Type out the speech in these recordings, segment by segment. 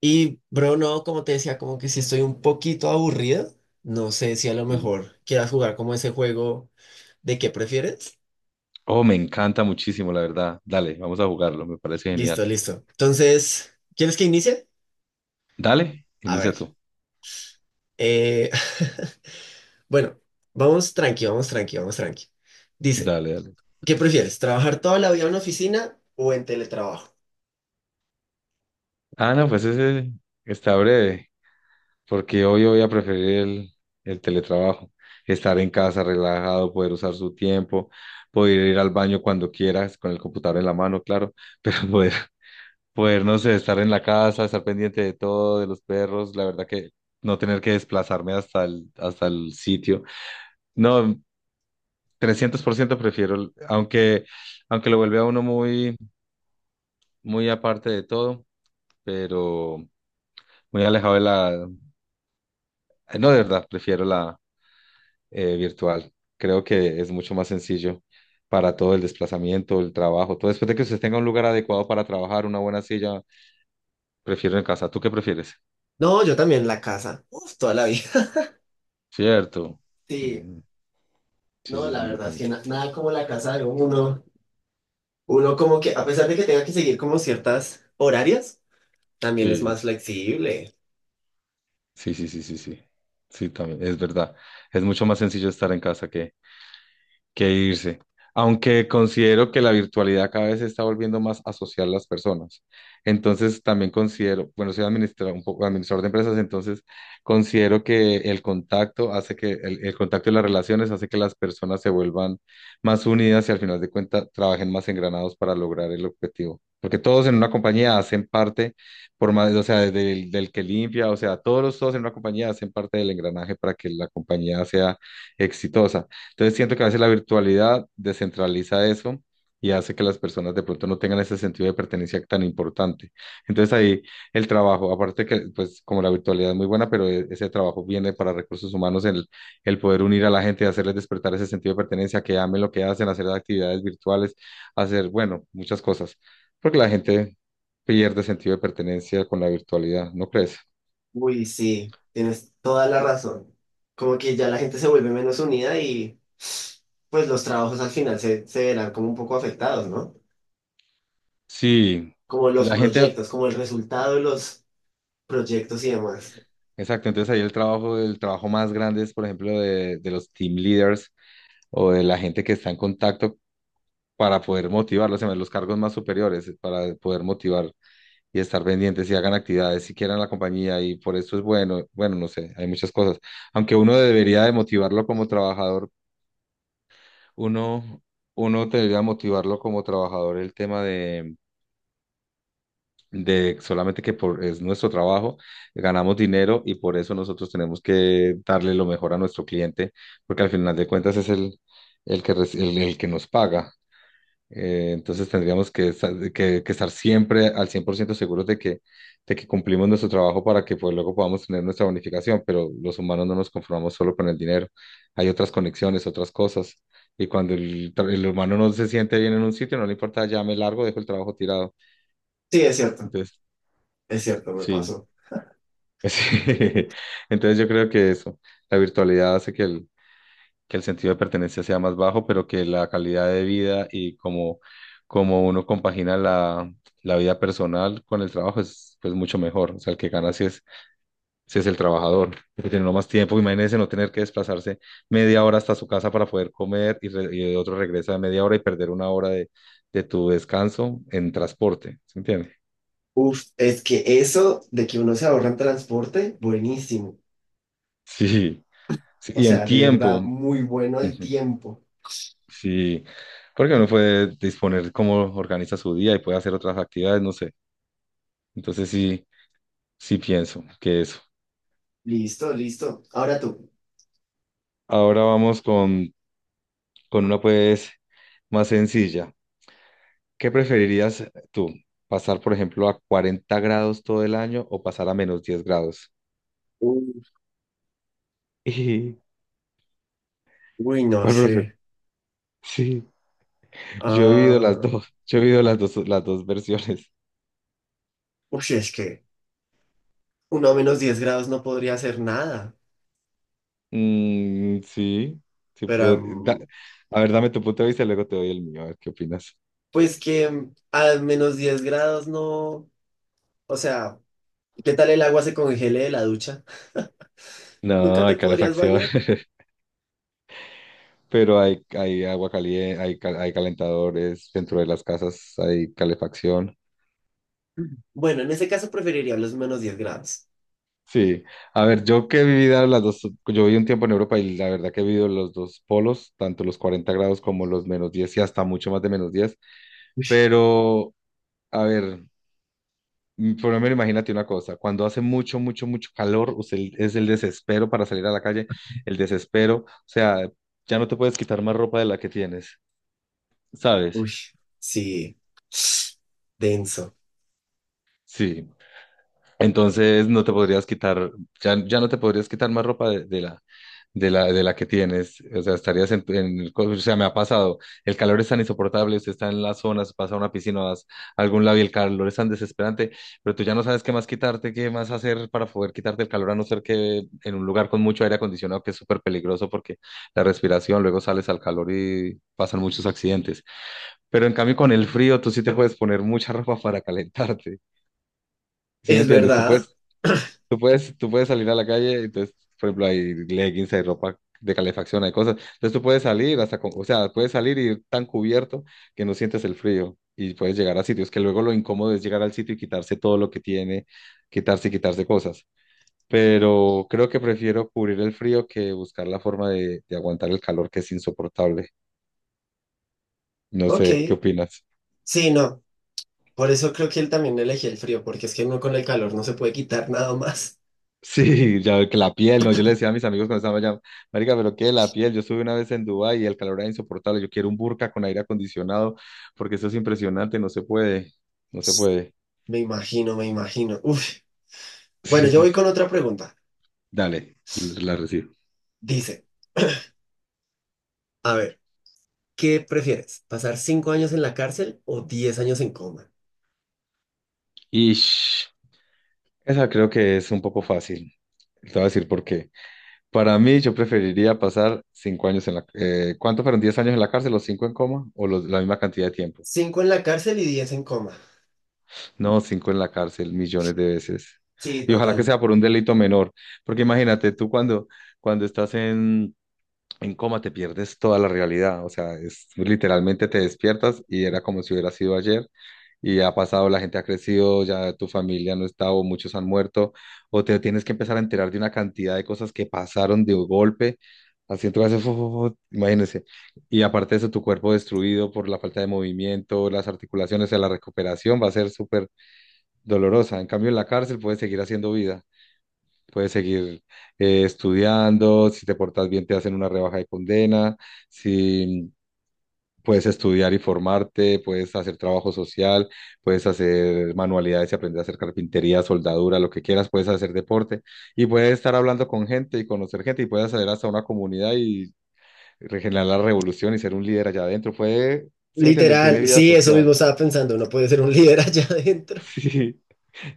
Y, bro, no, como te decía, como que si estoy un poquito aburrido, no sé si a lo Sí. mejor quieras jugar como ese juego de qué prefieres. Oh, me encanta muchísimo, la verdad. Dale, vamos a jugarlo, me parece genial. Listo, listo. Entonces, ¿quieres que inicie? Dale, A ver. inicia tú. eh, bueno, vamos tranqui, vamos tranqui, vamos tranqui. Dice, Dale, dale. ¿qué prefieres? ¿Trabajar toda la vida en una oficina o en teletrabajo? Ah, no, pues ese está breve, porque hoy voy a preferir el teletrabajo. Estar en casa relajado, poder usar su tiempo, poder ir al baño cuando quieras, con el computador en la mano, claro, pero poder, no sé, estar en la casa, estar pendiente de todo, de los perros, la verdad que no tener que desplazarme hasta el sitio. No, 300% prefiero, aunque lo vuelve a uno muy, muy aparte de todo, pero muy alejado de la. No, de verdad, prefiero la virtual. Creo que es mucho más sencillo para todo el desplazamiento, el trabajo, todo. Después de que usted tenga un lugar adecuado para trabajar, una buena silla, prefiero en casa. ¿Tú qué prefieres? No, yo también en la casa. Uf, toda la vida. Cierto. Sí, Mm, sí, no, sí, la sí, yo verdad es que también. Nada como la casa de uno. Uno como que, a pesar de que tenga que seguir como ciertas horarias, también es Sí, más flexible. sí, sí, sí, sí, sí. Sí, también, es verdad. Es mucho más sencillo estar en casa que irse. Aunque considero que la virtualidad cada vez se está volviendo más a asociar las personas. Entonces también considero, bueno, soy un poco administrador de empresas, entonces considero que el contacto hace que el contacto y las relaciones hace que las personas se vuelvan más unidas y al final de cuentas trabajen más engranados para lograr el objetivo. Porque todos en una compañía hacen parte, por más, o sea, del que limpia, o sea, todos, todos en una compañía hacen parte del engranaje para que la compañía sea exitosa. Entonces siento que a veces la virtualidad descentraliza eso y hace que las personas de pronto no tengan ese sentido de pertenencia tan importante. Entonces ahí el trabajo, aparte que pues como la virtualidad es muy buena, pero ese trabajo viene para recursos humanos, el poder unir a la gente y hacerles despertar ese sentido de pertenencia, que amen lo que hacen, hacer actividades virtuales, hacer, bueno, muchas cosas, porque la gente pierde sentido de pertenencia con la virtualidad, ¿no crees? Uy, sí, tienes toda la razón. Como que ya la gente se vuelve menos unida y pues los trabajos al final se verán como un poco afectados, ¿no? Sí, Como los la gente. proyectos, como el resultado de los proyectos y demás. Exacto, entonces ahí el trabajo, más grande es, por ejemplo, de los team leaders o de la gente que está en contacto para poder motivarlos, en vez, de los cargos más superiores, para poder motivar y estar pendientes y hagan actividades si quieran la compañía y por eso es bueno, bueno, no sé, hay muchas cosas. Aunque uno debería de motivarlo como trabajador, uno, uno debería motivarlo como trabajador el tema de solamente que por, es nuestro trabajo, ganamos dinero y por eso nosotros tenemos que darle lo mejor a nuestro cliente, porque al final de cuentas es el que nos paga. Entonces tendríamos que estar siempre al 100% seguros de que, cumplimos nuestro trabajo para que pues, luego podamos tener nuestra bonificación, pero los humanos no nos conformamos solo con el dinero, hay otras conexiones, otras cosas. Y cuando el humano no se siente bien en un sitio, no le importa, ya me largo, dejo el trabajo tirado. Sí, Entonces, es cierto, me sí. pasó. Sí. Entonces yo creo que eso, la virtualidad hace que el sentido de pertenencia sea más bajo, pero que la calidad de vida y como uno compagina la vida personal con el trabajo es pues mucho mejor. O sea, el que gana sí es el trabajador, porque tiene uno más tiempo. Imagínense no tener que desplazarse media hora hasta su casa para poder comer y otro regresa media hora y perder una hora de tu descanso en transporte. ¿Se entiende? Uf, es que eso de que uno se ahorra en transporte, buenísimo. Sí, sí, O y en sea, de tiempo. verdad, muy bueno el Ujú. tiempo. Sí, porque uno puede disponer cómo organiza su día y puede hacer otras actividades, no sé. Entonces sí, sí pienso que eso. Listo, listo. Ahora tú. Ahora vamos con una pues más sencilla. ¿Qué preferirías tú? ¿Pasar, por ejemplo, a 40 grados todo el año o pasar a -10 grados? Uf. Y, Uy, no ¿cuál prefieres? sé. Sí, yo he vivido las Ah, dos, yo he vivido las dos versiones. uy, es que uno a -10 grados no podría hacer nada, Mm, sí, sí, pero a ver, dame tu punto de vista y luego te doy el mío, a ver qué opinas. pues que a menos 10 grados no, o sea, ¿qué tal el agua se congele de la ducha? ¿Nunca No, te hay podrías calefacción, bañar? pero hay agua caliente, hay calentadores dentro de las casas, hay calefacción. Ujú. Bueno, en ese caso preferiría los -10 grados. Sí, a ver, yo que he vivido las dos, yo viví un tiempo en Europa y la verdad que he vivido los dos polos, tanto los 40 grados como los -10 y hasta mucho más de -10. Uy, Pero a ver, por lo menos imagínate una cosa, cuando hace mucho, mucho, mucho calor, usted es el desespero para salir a la calle, el desespero, o sea, ya no te puedes quitar más ropa de la que tienes, ¿sabes? uy. Sí, denso. Sí. Entonces no te podrías quitar, ya no te podrías quitar más ropa de la que tienes. O sea, estarías en el, o sea, me ha pasado, el calor es tan insoportable, usted está en las zonas, pasa a una piscina, vas a algún lado y el calor es tan desesperante, pero tú ya no sabes qué más quitarte, qué más hacer para poder quitarte el calor, a no ser que en un lugar con mucho aire acondicionado, que es súper peligroso porque la respiración, luego sales al calor y pasan muchos accidentes. Pero en cambio con el frío, tú sí te puedes poner mucha ropa para calentarte. ¿Sí me Es entiendes? Tú verdad. puedes Tú puedes, tú puedes salir a la calle, entonces, por ejemplo, hay leggings, hay ropa de calefacción, hay cosas. Entonces tú puedes salir hasta, o sea, puedes salir y ir tan cubierto que no sientes el frío y puedes llegar a sitios que luego lo incómodo es llegar al sitio y quitarse todo lo que tiene, quitarse y quitarse cosas. Pero creo que prefiero cubrir el frío que buscar la forma de aguantar el calor que es insoportable. No Ok, sé, ¿qué opinas? sí, no. Por eso creo que él también elegí el frío, porque es que uno con el calor no se puede quitar nada más. Sí, ya que la piel, no, yo le decía a mis amigos cuando estaban allá, marica, pero qué la piel, yo estuve una vez en Dubái y el calor era insoportable, yo quiero un burka con aire acondicionado, porque eso es impresionante, no se puede, no se puede. Me imagino, me imagino. Uf. Bueno, Sí, yo sí, voy sí. con otra pregunta. Dale, la recibo. Dice, a ver. ¿Qué prefieres? ¿Pasar 5 años en la cárcel o 10 años en coma? Y esa creo que es un poco fácil. Te voy a decir por qué. Para mí, yo preferiría pasar 5 años en la. ¿Cuánto fueron? ¿10 años en la cárcel? ¿Los cinco en coma? ¿O la misma cantidad de tiempo? Cinco en la cárcel y diez en coma. No, cinco en la cárcel, millones de veces. Sí, Y ojalá que total. sea por un delito menor, porque imagínate, tú cuando estás en coma te pierdes toda la realidad, o sea, es, literalmente te despiertas y era como si hubiera sido ayer y ha pasado, la gente ha crecido, ya tu familia no está o muchos han muerto, o te tienes que empezar a enterar de una cantidad de cosas que pasaron de golpe, así entonces, imagínense, y aparte de eso, tu cuerpo destruido por la falta de movimiento, las articulaciones, o sea, la recuperación va a ser súper dolorosa. En cambio, en la cárcel puedes seguir haciendo vida, puedes seguir estudiando, si te portas bien te hacen una rebaja de condena, si puedes estudiar y formarte, puedes hacer trabajo social, puedes hacer manualidades y aprender a hacer carpintería, soldadura, lo que quieras, puedes hacer deporte y puedes estar hablando con gente y conocer gente y puedes hacer hasta una comunidad y regenerar la revolución y ser un líder allá adentro. Puede. ¿Sí me entiendes? Tiene Literal, vida sí, eso mismo social. estaba pensando. Uno puede ser un líder allá adentro. Sí.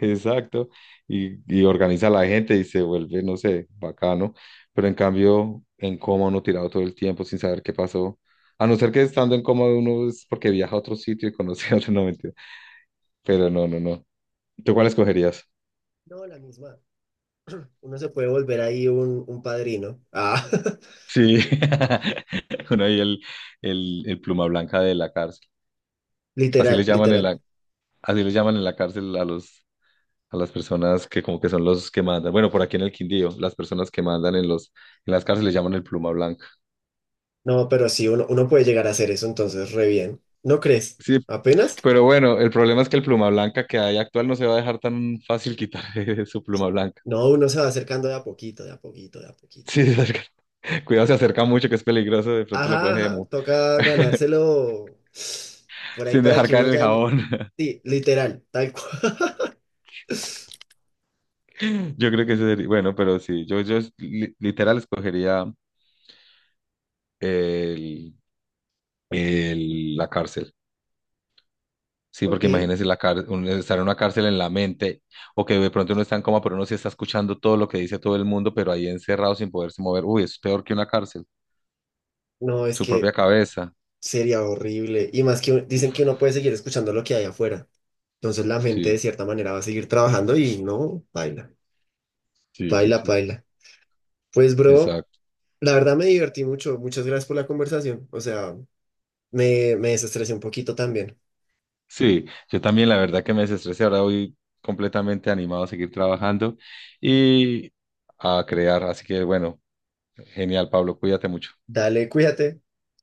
Exacto, y organiza a la gente y se vuelve, no sé, bacano, pero en cambio en coma uno tirado todo el tiempo sin saber qué pasó, a no ser que estando en coma uno es porque viaja a otro sitio y conoce a otro, no mentira, pero no, no, no, ¿tú cuál escogerías? No, la misma. Uno se puede volver ahí un padrino. Ah, Sí, uno ahí el, el pluma blanca de la cárcel, así literal, les llaman en literal. la, cárcel a los, a las personas que como que son los que mandan, bueno, por aquí en el Quindío, las personas que mandan en las cárceles les llaman el pluma blanca, No, pero sí, uno puede llegar a hacer eso, entonces, re bien. ¿No crees? sí. ¿Apenas? Pero bueno, el problema es que el pluma blanca que hay actual no se va a dejar tan fácil quitar su pluma blanca. No, uno se va acercando de a poquito, de a poquito, de a poquito. Sí, se acerca. Cuidado, se acerca mucho, que es peligroso, de pronto lo Ajá, ajá, cogemos, toca ganárselo por ahí sin para dejar que caer uno el ya... en- jabón. Sí, literal, tal cual. Yo creo que ese sería, bueno, pero sí, yo literal escogería el, la cárcel. Sí, porque Ok. imagínese estar en una cárcel en la mente, o que de pronto uno está en coma, pero uno sí está escuchando todo lo que dice todo el mundo, pero ahí encerrado sin poderse mover. Uy, es peor que una cárcel, No, es su propia que cabeza. sería horrible. Y más que un- dicen Uf, que uno puede seguir escuchando lo que hay afuera. Entonces la gente de sí. cierta manera va a seguir trabajando y no, baila, Sí, sí, baila, sí. baila. Pues bro, Exacto. la verdad me divertí mucho. Muchas gracias por la conversación. O sea, me desestresé un poquito también. Sí, yo también la verdad que me desestresé. Ahora voy completamente animado a seguir trabajando y a crear. Así que bueno, genial, Pablo, cuídate mucho. Dale, cuídate.